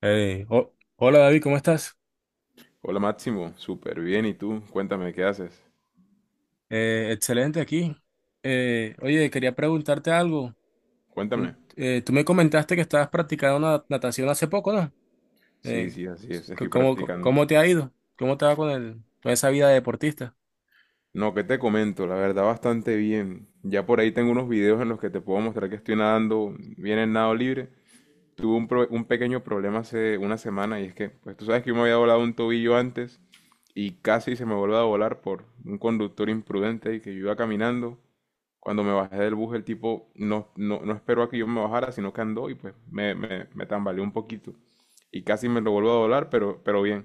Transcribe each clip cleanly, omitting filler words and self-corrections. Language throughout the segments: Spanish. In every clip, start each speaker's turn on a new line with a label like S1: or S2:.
S1: Hey, hola David, ¿cómo estás?
S2: Hola Máximo, súper bien. ¿Y tú? Cuéntame, ¿qué haces?
S1: Excelente aquí. Oye, quería preguntarte algo.
S2: Cuéntame.
S1: Tú, tú me comentaste que estabas practicando una natación hace poco, ¿no?
S2: Sí,
S1: Eh,
S2: sí, así es, estoy
S1: ¿cómo,
S2: practicando.
S1: cómo te ha ido? ¿Cómo te va con con esa vida de deportista?
S2: No, ¿qué te comento? La verdad, bastante bien. Ya por ahí tengo unos videos en los que te puedo mostrar que estoy nadando bien en nado libre. Tuve un pequeño problema hace una semana y es que, pues tú sabes que yo me había volado un tobillo antes y casi se me vuelve a volar por un conductor imprudente y que yo iba caminando. Cuando me bajé del bus, el tipo no, no, no esperó a que yo me bajara, sino que andó y pues me tambaleó un poquito. Y casi me lo vuelvo a doblar, pero bien.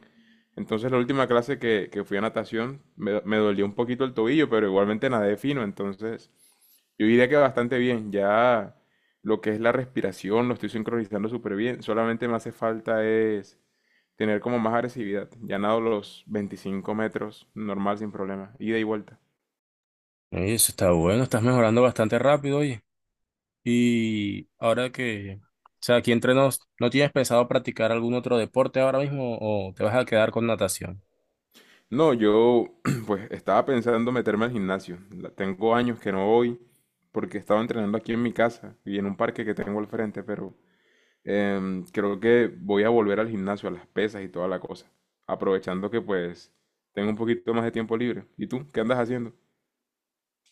S2: Entonces la última clase que fui a natación me dolió un poquito el tobillo, pero igualmente nadé fino. Entonces yo diría que bastante bien. Ya lo que es la respiración lo estoy sincronizando súper bien. Solamente me hace falta es tener como más agresividad. Ya nado los 25 metros normal sin problema. Ida y vuelta.
S1: Oye, eso está bueno, estás mejorando bastante rápido, oye. Y ahora que, o sea, aquí entre nos, ¿no tienes pensado practicar algún otro deporte ahora mismo o te vas a quedar con natación?
S2: No, yo pues estaba pensando meterme al gimnasio. Tengo años que no voy porque estaba entrenando aquí en mi casa y en un parque que tengo al frente, pero creo que voy a volver al gimnasio, a las pesas y toda la cosa. Aprovechando que pues tengo un poquito más de tiempo libre. ¿Y tú? ¿Qué andas haciendo?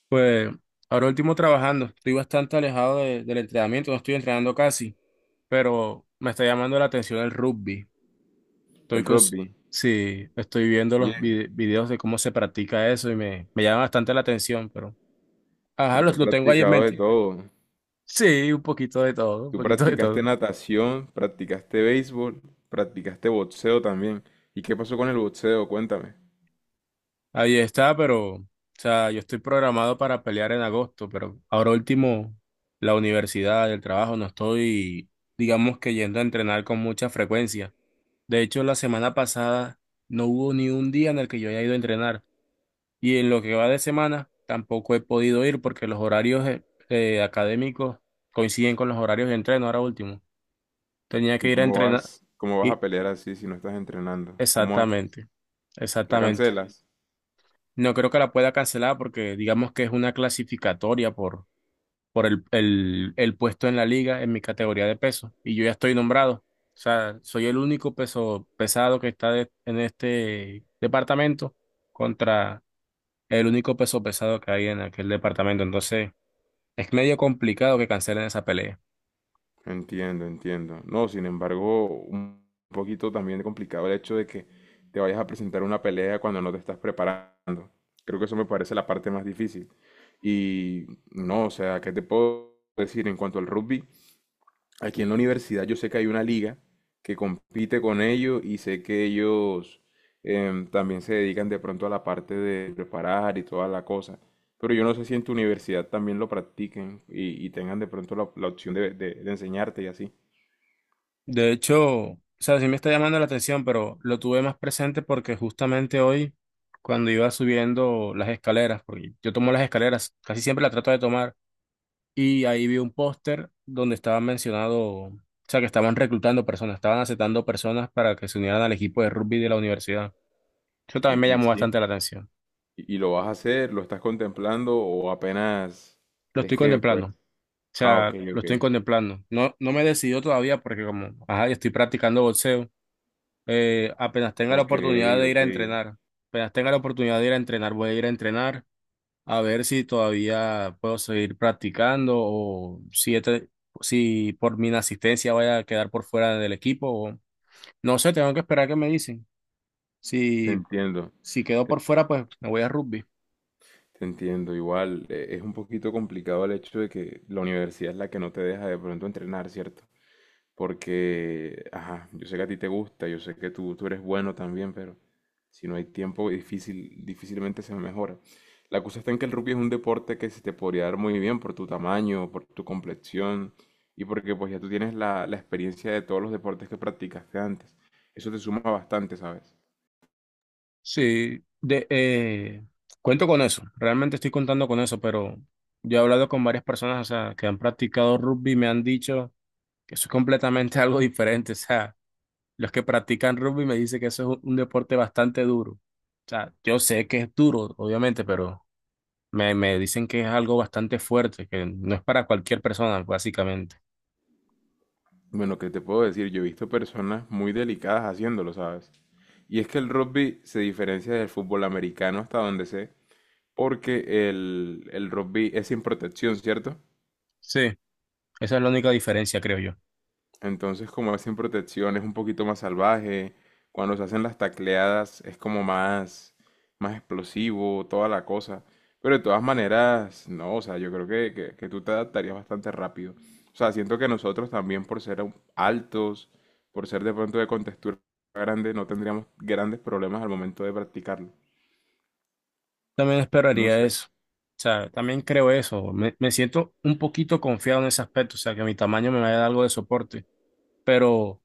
S1: Pues ahora último trabajando, estoy bastante alejado del entrenamiento, no estoy entrenando casi, pero me está llamando la atención el rugby. Estoy
S2: El
S1: con,
S2: rugby.
S1: sí, estoy viendo los
S2: Bien.
S1: videos de cómo se practica eso y me llama bastante la atención, pero ajá,
S2: Pero tú has
S1: lo tengo ahí en
S2: practicado de
S1: mente.
S2: todo.
S1: Sí, un poquito de todo, un
S2: Tú
S1: poquito de
S2: practicaste
S1: todo.
S2: natación, practicaste béisbol, practicaste boxeo también. ¿Y qué pasó con el boxeo? Cuéntame.
S1: Ahí está, pero, o sea, yo estoy programado para pelear en agosto, pero ahora último, la universidad, el trabajo, no estoy, digamos que yendo a entrenar con mucha frecuencia. De hecho, la semana pasada no hubo ni un día en el que yo haya ido a entrenar y en lo que va de semana tampoco he podido ir porque los horarios académicos coinciden con los horarios de entreno. Ahora último, tenía que
S2: ¿Y
S1: ir a
S2: cómo
S1: entrenar
S2: vas, cómo vas a
S1: y
S2: pelear así si no estás entrenando? ¿Cómo haces?
S1: exactamente,
S2: ¿La
S1: exactamente.
S2: cancelas?
S1: No creo que la pueda cancelar porque digamos que es una clasificatoria por el puesto en la liga en mi categoría de peso y yo ya estoy nombrado. O sea, soy el único peso pesado que está en este departamento contra el único peso pesado que hay en aquel departamento. Entonces, es medio complicado que cancelen esa pelea.
S2: Entiendo, entiendo. No, sin embargo, un poquito también complicado el hecho de que te vayas a presentar una pelea cuando no te estás preparando. Creo que eso me parece la parte más difícil. Y no, o sea, ¿qué te puedo decir en cuanto al rugby? Aquí en la universidad yo sé que hay una liga que compite con ellos y sé que ellos también se dedican de pronto a la parte de preparar y toda la cosa. Pero yo no sé si en tu universidad también lo practiquen y tengan de pronto la opción de enseñarte y así.
S1: De hecho, o sea, sí me está llamando la atención, pero lo tuve más presente porque justamente hoy, cuando iba subiendo las escaleras, porque yo tomo las escaleras, casi siempre las trato de tomar y ahí vi un póster donde estaban mencionado, o sea, que estaban reclutando personas, estaban aceptando personas para que se unieran al equipo de rugby de la universidad. Eso también me
S2: Y
S1: llamó
S2: sí.
S1: bastante la atención.
S2: Y lo vas a hacer? ¿Lo estás contemplando o apenas
S1: Lo
S2: es
S1: estoy
S2: que pues?
S1: contemplando, o
S2: Ah, ok,
S1: sea, lo
S2: ok.
S1: estoy contemplando. No, no me he decidido todavía porque como, ajá, yo estoy practicando boxeo, apenas tenga la
S2: Ok,
S1: oportunidad de ir
S2: ok.
S1: a entrenar, apenas tenga la oportunidad de ir a entrenar, voy a ir a entrenar a ver si todavía puedo seguir practicando o si, si por mi inasistencia voy a quedar por fuera del equipo. No sé, tengo que esperar que me dicen.
S2: Te
S1: Si,
S2: entiendo.
S1: si quedo
S2: Te-
S1: por fuera, pues me voy a rugby.
S2: Te entiendo, igual es un poquito complicado el hecho de que la universidad es la que no te deja de pronto entrenar, ¿cierto? Porque, ajá, yo sé que a ti te gusta, yo sé que tú eres bueno también, pero si no hay tiempo, difícilmente se mejora. La cosa está en que el rugby es un deporte que se te podría dar muy bien por tu tamaño, por tu complexión y porque pues ya tú tienes la experiencia de todos los deportes que practicaste antes. Eso te suma bastante, ¿sabes?
S1: Sí, cuento con eso. Realmente estoy contando con eso, pero yo he hablado con varias personas, o sea, que han practicado rugby y me han dicho que eso es completamente algo diferente. O sea, los que practican rugby me dicen que eso es un deporte bastante duro. O sea, yo sé que es duro, obviamente, pero me dicen que es algo bastante fuerte, que no es para cualquier persona, básicamente.
S2: Bueno, ¿qué te puedo decir? Yo he visto personas muy delicadas haciéndolo, ¿sabes? Y es que el rugby se diferencia del fútbol americano hasta donde sé, porque el rugby es sin protección, ¿cierto?
S1: Sí, esa es la única diferencia, creo yo.
S2: Entonces, como es sin protección, es un poquito más salvaje. Cuando se hacen las tacleadas es como más, explosivo, toda la cosa. Pero de todas maneras, no, o sea, yo creo que, que tú te adaptarías bastante rápido. O sea, siento que nosotros también por ser altos, por ser de pronto de contextura grande, no tendríamos grandes problemas al momento de practicarlo.
S1: También
S2: No
S1: esperaría
S2: sé,
S1: eso. O sea, también creo eso. Me siento un poquito confiado en ese aspecto. O sea, que mi tamaño me vaya a dar algo de soporte. Pero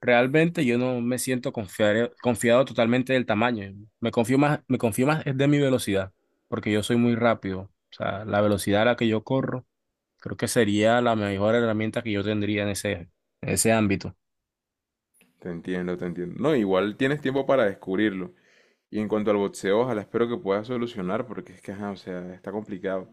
S1: realmente yo no me siento confiado totalmente del tamaño. Me confío más es de mi velocidad. Porque yo soy muy rápido. O sea, la velocidad a la que yo corro, creo que sería la mejor herramienta que yo tendría en ese ámbito.
S2: te entiendo, te entiendo. No, igual tienes tiempo para descubrirlo. Y en cuanto al boxeo, ojalá espero que puedas solucionar, porque es que, ajá, o sea, está complicado.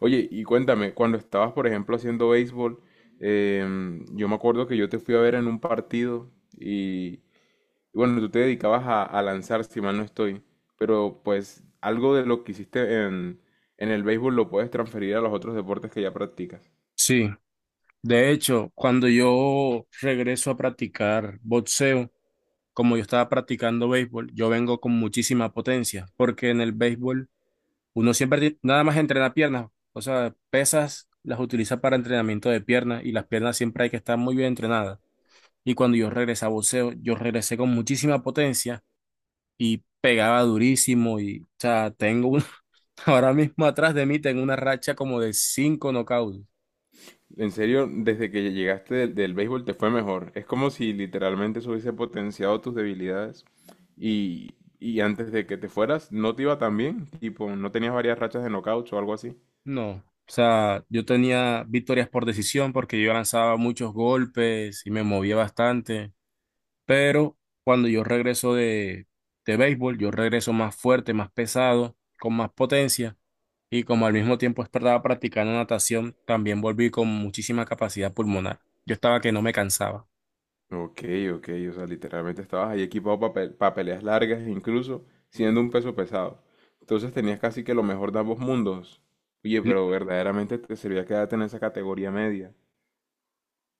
S2: Oye, y cuéntame, cuando estabas, por ejemplo, haciendo béisbol, yo me acuerdo que yo te fui a ver en un partido y, y bueno, tú te dedicabas a lanzar, si mal no estoy, pero pues algo de lo que hiciste en, el béisbol lo puedes transferir a los otros deportes que ya practicas.
S1: Sí. De hecho, cuando yo regreso a practicar boxeo, como yo estaba practicando béisbol, yo vengo con muchísima potencia, porque en el béisbol uno siempre nada más entrena piernas, o sea, pesas las utiliza para entrenamiento de piernas y las piernas siempre hay que estar muy bien entrenadas. Y cuando yo regresé a boxeo, yo regresé con muchísima potencia y pegaba durísimo y, o sea, ahora mismo atrás de mí tengo una racha como de cinco knockouts.
S2: En serio, desde que llegaste del béisbol te fue mejor. Es como si literalmente eso hubiese potenciado tus debilidades y antes de que te fueras no te iba tan bien, tipo, no tenías varias rachas de knockout o algo así.
S1: No, o sea, yo tenía victorias por decisión porque yo lanzaba muchos golpes y me movía bastante. Pero cuando yo regreso de béisbol, yo regreso más fuerte, más pesado, con más potencia. Y como al mismo tiempo estaba practicando natación, también volví con muchísima capacidad pulmonar. Yo estaba que no me cansaba.
S2: Ok, ok, o sea, literalmente estabas ahí equipado para peleas largas, incluso siendo un peso pesado. Entonces tenías casi que lo mejor de ambos mundos. Oye,
S1: Li-
S2: pero verdaderamente te servía quedarte en esa categoría media.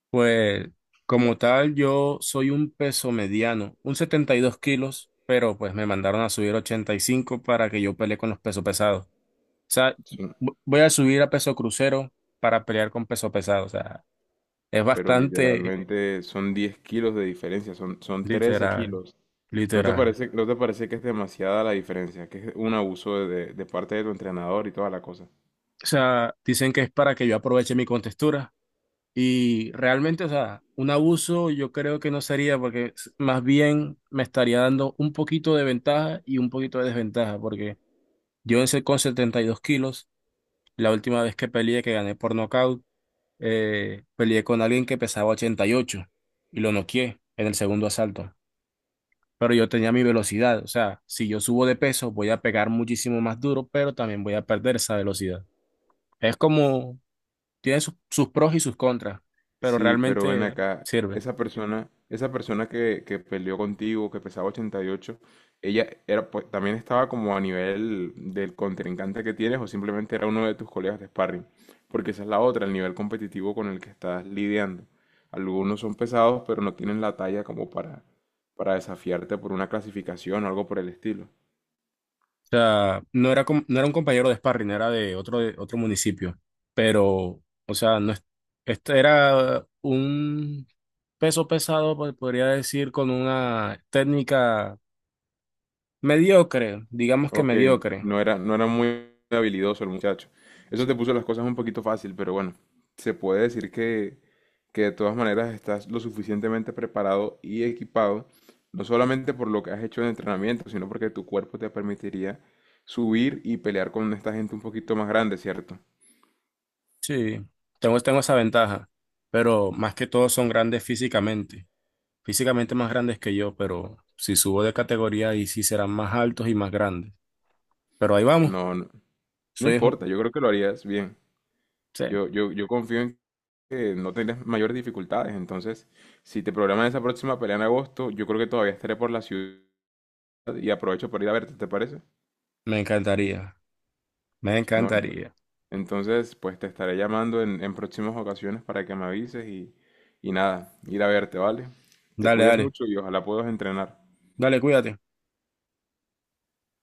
S1: Pues como tal, yo soy un peso mediano, un 72 kilos, pero pues me mandaron a subir 85 para que yo pelee con los pesos pesados. O sea,
S2: Sí.
S1: voy a subir a peso crucero para pelear con peso pesado. O sea, es
S2: Pero
S1: bastante...
S2: literalmente son 10 kilos de diferencia, son, trece
S1: Literal,
S2: kilos. ¿No te
S1: literal.
S2: parece, no te parece que es demasiada la diferencia? Que es un abuso de, de parte de tu entrenador y toda la cosa.
S1: O sea, dicen que es para que yo aproveche mi contextura y realmente, o sea, un abuso yo creo que no sería porque más bien me estaría dando un poquito de ventaja y un poquito de desventaja porque yo con 72 kilos, la última vez que peleé, que gané por nocaut, peleé con alguien que pesaba 88 y ocho y lo noqueé en el segundo asalto. Pero yo tenía mi velocidad, o sea, si yo subo de peso voy a pegar muchísimo más duro, pero también voy a perder esa velocidad. Es como, tiene sus, sus pros y sus contras, pero
S2: Sí, pero ven
S1: realmente
S2: acá,
S1: sirve. O
S2: esa persona que peleó contigo, que pesaba 88, ¿ella era, pues, también estaba como a nivel del contrincante que tienes o simplemente era uno de tus colegas de sparring? Porque esa es la otra, el nivel competitivo con el que estás lidiando. Algunos son pesados, pero no tienen la talla como para, desafiarte por una clasificación o algo por el estilo.
S1: sea, no era, no era un compañero de sparring, era de otro municipio, pero, o sea, no es- este era un peso pesado, podría decir, con una técnica mediocre, digamos que
S2: Ok,
S1: mediocre.
S2: no era muy habilidoso el muchacho. Eso
S1: Sí,
S2: te puso las cosas un poquito fácil, pero bueno, se puede decir que de todas maneras estás lo suficientemente preparado y equipado, no solamente por lo que has hecho en entrenamiento, sino porque tu cuerpo te permitiría subir y pelear con esta gente un poquito más grande, ¿cierto?
S1: sí, tengo, tengo esa ventaja, pero más que todo son grandes físicamente. Físicamente más grandes que yo, pero si subo de categoría ahí sí serán más altos y más grandes. Pero ahí vamos.
S2: No, no, no
S1: Soy,
S2: importa,
S1: un-
S2: yo creo que lo harías bien.
S1: sí,
S2: Yo, yo confío en que no tendrás mayores dificultades, entonces, si te programas esa próxima pelea en agosto, yo creo que todavía estaré por la ciudad y aprovecho para ir a verte, ¿te parece?
S1: me encantaría, me
S2: No,
S1: encantaría.
S2: entonces, pues te estaré llamando en, próximas ocasiones para que me avises y nada, ir a verte, ¿vale? Te
S1: Dale,
S2: cuidas
S1: dale,
S2: mucho y ojalá puedas entrenar.
S1: dale, cuídate.